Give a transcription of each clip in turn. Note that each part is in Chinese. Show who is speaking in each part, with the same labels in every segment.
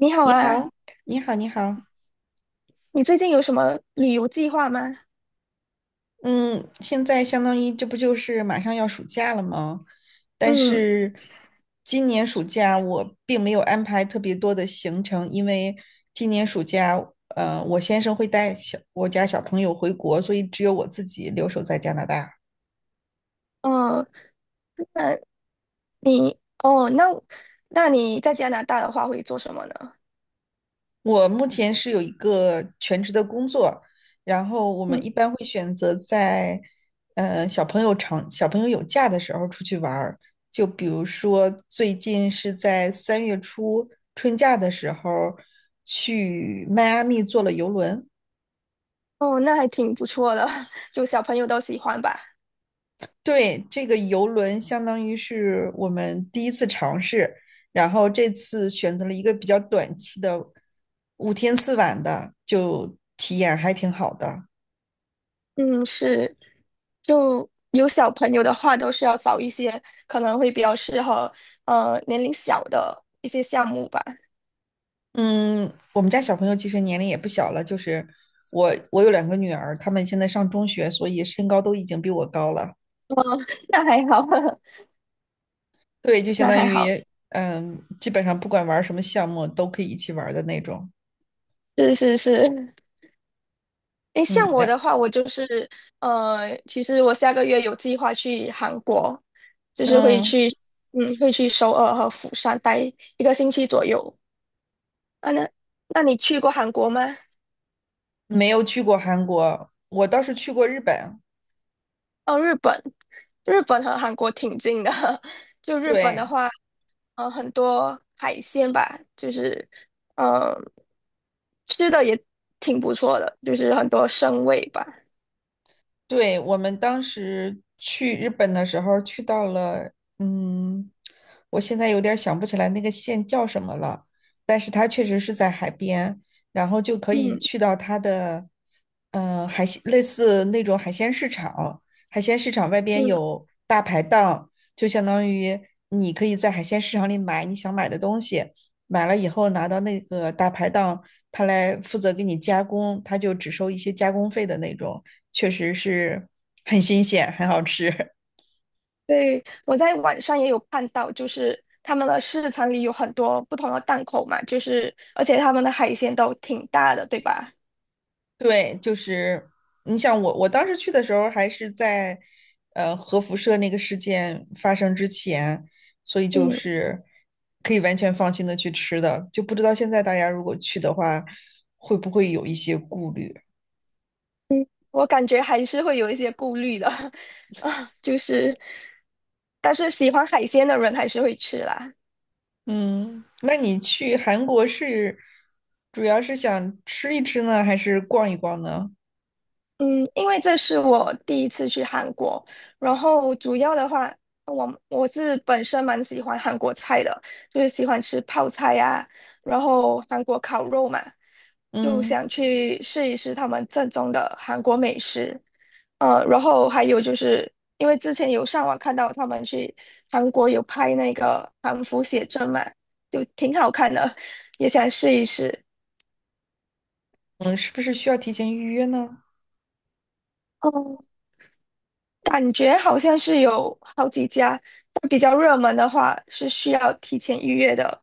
Speaker 1: 你好
Speaker 2: 你
Speaker 1: 啊，
Speaker 2: 好，你好，你好。
Speaker 1: 你最近有什么旅游计划吗？
Speaker 2: 嗯，现在相当于这不就是马上要暑假了吗？但
Speaker 1: 嗯，
Speaker 2: 是今年暑假我并没有安排特别多的行程，因为今年暑假，我先生会带我家小朋友回国，所以只有我自己留守在加拿大。
Speaker 1: 哦，那你，哦，那那你在加拿大的话会做什么呢？
Speaker 2: 我目前是有一个全职的工作，然后我们
Speaker 1: 嗯，
Speaker 2: 一般会选择在小朋友有假的时候出去玩儿，就比如说最近是在3月初春假的时候去迈阿密坐了游轮。
Speaker 1: 哦，那还挺不错的，就小朋友都喜欢吧。
Speaker 2: 对，这个游轮相当于是我们第一次尝试，然后这次选择了一个比较短期的5天4晚的，就体验还挺好的。
Speaker 1: 嗯，是，就有小朋友的话，都是要找一些可能会比较适合年龄小的一些项目吧。
Speaker 2: 嗯，我们家小朋友其实年龄也不小了，就是我有2个女儿，她们现在上中学，所以身高都已经比我高了。
Speaker 1: 那还好，
Speaker 2: 对，就 相
Speaker 1: 那
Speaker 2: 当
Speaker 1: 还好，
Speaker 2: 于基本上不管玩什么项目都可以一起玩的那种。
Speaker 1: 是是是，诶，像
Speaker 2: 嗯，
Speaker 1: 我的话，我就是呃，其实我下个月有计划去韩国，就是会
Speaker 2: 嗯，
Speaker 1: 去，嗯，会去首尔和釜山待1个星期左右。啊，那那你去过韩国吗？
Speaker 2: 没有去过韩国，我倒是去过日本。
Speaker 1: 哦，日本，日本和韩国挺近的。就日本的
Speaker 2: 对，
Speaker 1: 话，很多海鲜吧，呃，吃的也挺不错的，就是很多生味吧。
Speaker 2: 对，我们当时去日本的时候，去到了，嗯，我现在有点儿想不起来那个县叫什么了，但是它确实是在海边，然后就可以
Speaker 1: 嗯
Speaker 2: 去到它的，海鲜类似那种海鲜市场，海鲜市场外边
Speaker 1: 嗯。
Speaker 2: 有大排档，就相当于你可以在海鲜市场里买你想买的东西，买了以后拿到那个大排档，他来负责给你加工，他就只收一些加工费的那种。确实是很新鲜，很好吃。
Speaker 1: 对，我在网上也有看到，就是他们的市场里有很多不同的档口嘛，就是而且他们的海鲜都挺大的，对吧？
Speaker 2: 对，就是你想我当时去的时候还是在核辐射那个事件发生之前，所以就
Speaker 1: 嗯
Speaker 2: 是可以完全放心的去吃的，就不知道现在大家如果去的话，会不会有一些顾虑？
Speaker 1: 嗯，我感觉还是会有一些顾虑的 啊，就是，但是喜欢海鲜的人还是会吃啦。
Speaker 2: 嗯，那你去韩国是主要是想吃一吃呢，还是逛一逛呢？
Speaker 1: 嗯，因为这是我第一次去韩国，然后主要的话，我是本身蛮喜欢韩国菜的，就是喜欢吃泡菜呀、然后韩国烤肉嘛，就
Speaker 2: 嗯
Speaker 1: 想去试一试他们正宗的韩国美食。呃，然后还有就是因为之前有上网看到他们去韩国有拍那个韩服写真嘛，就挺好看的，也想试一试。
Speaker 2: 嗯，是不是需要提前预约呢？
Speaker 1: 哦。感觉好像是有好几家，但比较热门的话是需要提前预约的。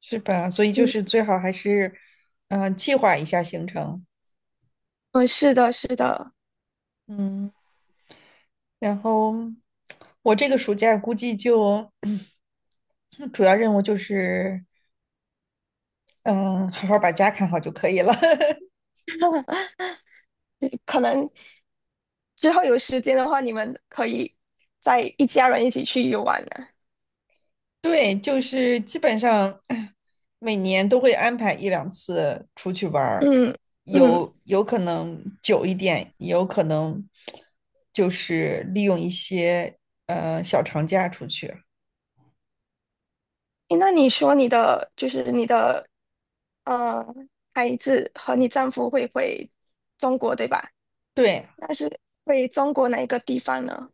Speaker 2: 是吧？所以就
Speaker 1: 嗯
Speaker 2: 是最好还是，计划一下行程。
Speaker 1: 嗯，是的，是的，
Speaker 2: 嗯，然后我这个暑假估计就 主要任务就是，嗯，好好把家看好就可以了。
Speaker 1: 嗯，可能之后有时间的话，你们可以再一家人一起去游玩呢。
Speaker 2: 对，就是基本上 每年都会安排一两次出去玩儿，
Speaker 1: 嗯嗯，
Speaker 2: 有可能久一点，也有可能就是利用一些小长假出去。
Speaker 1: 诶，那你说你的呃孩子和你丈夫会回中国对吧？
Speaker 2: 对，
Speaker 1: 那是回中国哪一个地方呢？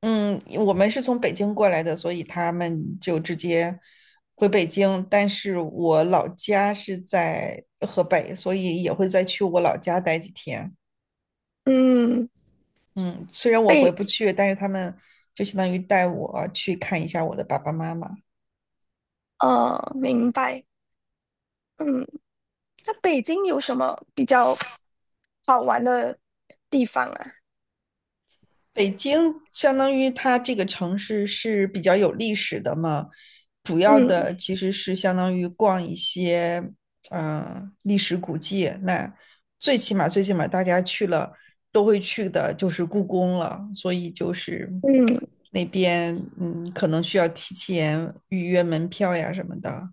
Speaker 2: 嗯，我们是从北京过来的，所以他们就直接回北京。但是我老家是在河北，所以也会再去我老家待几天。
Speaker 1: 嗯，
Speaker 2: 嗯，虽然我回不
Speaker 1: 被
Speaker 2: 去，但是他们就相当于带我去看一下我的爸爸妈妈。
Speaker 1: 呃，明白。嗯。那北京有什么比较好玩的地方啊？
Speaker 2: 北京相当于它这个城市是比较有历史的嘛，主要
Speaker 1: 嗯
Speaker 2: 的其实是相当于逛一些历史古迹。那最起码大家去了都会去的就是故宫了，所以就是
Speaker 1: 嗯，
Speaker 2: 那边可能需要提前预约门票呀什么的。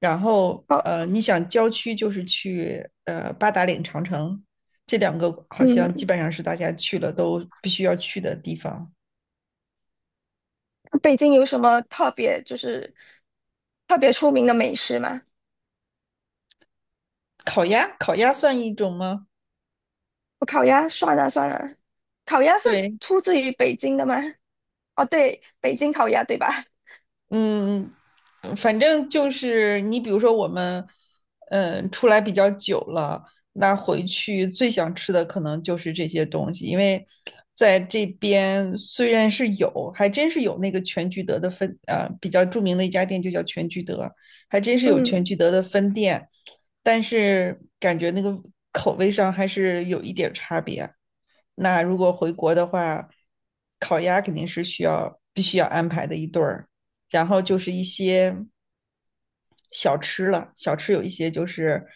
Speaker 2: 然后
Speaker 1: 好，
Speaker 2: 你想郊区就是去八达岭长城，这两个好像基
Speaker 1: 嗯，
Speaker 2: 本上是大家去了都必须要去的地方。
Speaker 1: 北京有什么特别就是特别出名的美食吗？
Speaker 2: 烤鸭，烤鸭算一种吗？
Speaker 1: 我烤鸭算了算了，烤鸭是
Speaker 2: 对，
Speaker 1: 出自于北京的吗？哦，对，北京烤鸭对吧？
Speaker 2: 嗯，反正就是你，比如说我们，出来比较久了，那回去最想吃的可能就是这些东西，因为在这边虽然是有，还真是有那个全聚德比较著名的一家店就叫全聚德，还真是有全
Speaker 1: 嗯。
Speaker 2: 聚德的分店，但是感觉那个口味上还是有一点儿差别。那如果回国的话，烤鸭肯定是需要必须要安排的一对儿。然后就是一些小吃了，小吃有一些就是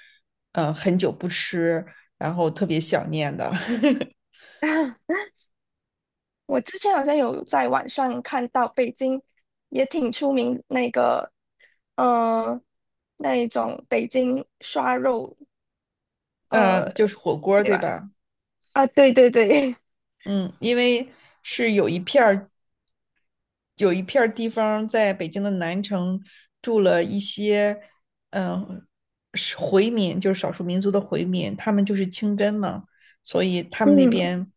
Speaker 2: 很久不吃，然后特别想念的，
Speaker 1: 我之前好像有在网上看到北京也挺出名那个，呃，那一种北京涮肉，呃，
Speaker 2: 嗯、就是火锅
Speaker 1: 对
Speaker 2: 对
Speaker 1: 吧？
Speaker 2: 吧？
Speaker 1: 啊，对对对，
Speaker 2: 嗯，因为是有一片地方在北京的南城住了一些，嗯，回民，就是少数民族的回民，他们就是清真嘛，所以 他们那
Speaker 1: 嗯
Speaker 2: 边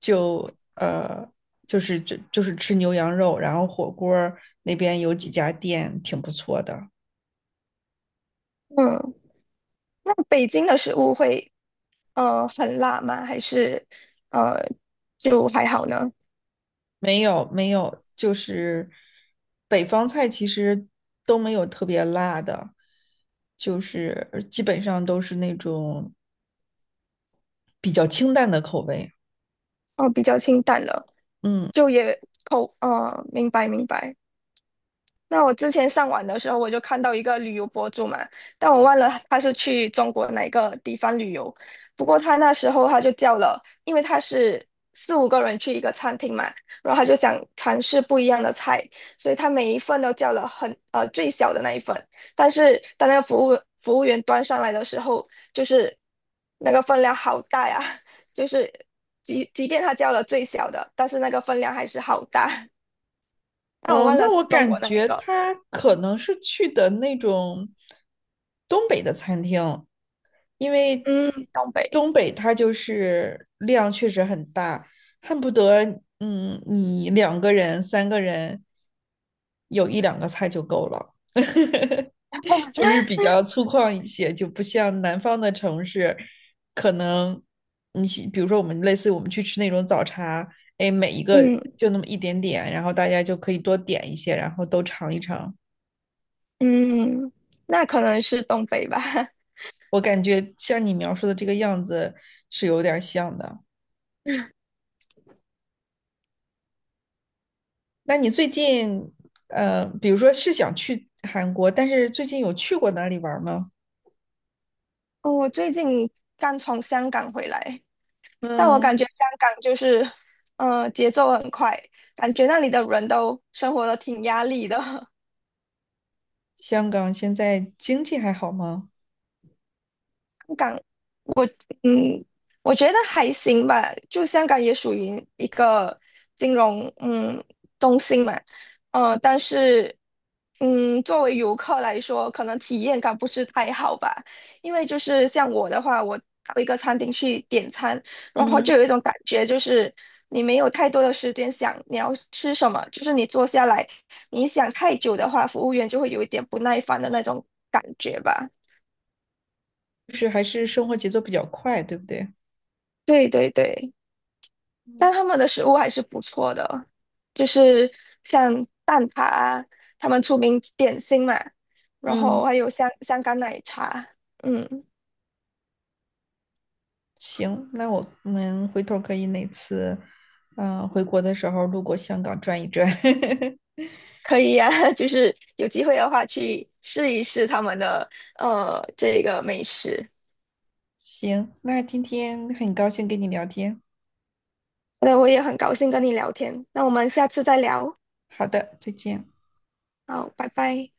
Speaker 2: 就呃，就是吃牛羊肉，然后火锅那边有几家店挺不错的。
Speaker 1: 嗯，那北京的食物会很辣吗？还是呃就还好呢？
Speaker 2: 没有没有，就是北方菜其实都没有特别辣的，就是基本上都是那种比较清淡的口味，
Speaker 1: 哦，比较清淡了，
Speaker 2: 嗯。
Speaker 1: 就也明白明白。那我之前上网的时候，我就看到一个旅游博主嘛，但我忘了他是去中国哪个地方旅游。不过他那时候他就叫了，因为他是4、5个人去一个餐厅嘛，然后他就想尝试不一样的菜，所以他每一份都叫了最小的那一份。但是当那个服务员端上来的时候，就是那个分量好大呀，就是即便他叫了最小的，但是那个分量还是好大。但我
Speaker 2: 嗯，
Speaker 1: 忘了
Speaker 2: 那我
Speaker 1: 是中国
Speaker 2: 感
Speaker 1: 哪一
Speaker 2: 觉
Speaker 1: 个。
Speaker 2: 他可能是去的那种东北的餐厅，因为
Speaker 1: 嗯，东北，
Speaker 2: 东北它就是量确实很大，恨不得你2个人、3个人有一两个菜就够了，就是比较粗犷一些，就不像南方的城市，可能比如说我们类似于我们去吃那种早茶。哎，每一个
Speaker 1: 嗯
Speaker 2: 就那么一点点，然后大家就可以多点一些，然后都尝一尝。
Speaker 1: 嗯，那可能是东北吧。
Speaker 2: 我感觉像你描述的这个样子是有点像的。那你最近，比如说是想去韩国，但是最近有去过哪里玩吗？
Speaker 1: 哦，我最近刚从香港回来，但我感
Speaker 2: 嗯，
Speaker 1: 觉香港就是，呃，节奏很快，感觉那里的人都生活的挺压力的。
Speaker 2: 香港现在经济还好吗？
Speaker 1: 嗯，我觉得还行吧，就香港也属于一个金融嗯中心嘛，呃，但是嗯，作为游客来说，可能体验感不是太好吧，因为就是像我的话，我到一个餐厅去点餐，然后就
Speaker 2: 嗯，
Speaker 1: 有一种感觉，就是你没有太多的时间想你要吃什么，就是你坐下来，你想太久的话，服务员就会有一点不耐烦的那种感觉吧。
Speaker 2: 就是还是生活节奏比较快，对不对？
Speaker 1: 对对对。
Speaker 2: 嗯
Speaker 1: 但他们的食物还是不错的，就是像蛋挞啊，他们出名点心嘛，然后
Speaker 2: 嗯，
Speaker 1: 还有香港奶茶，嗯，
Speaker 2: 行，那我们回头可以哪次，回国的时候路过香港转一转。
Speaker 1: 可以呀、就是有机会的话去试一试他们的这个美食。
Speaker 2: 行，那今天很高兴跟你聊天。
Speaker 1: 那我也很高兴跟你聊天，那我们下次再聊，
Speaker 2: 好的，再见。
Speaker 1: 好，拜拜。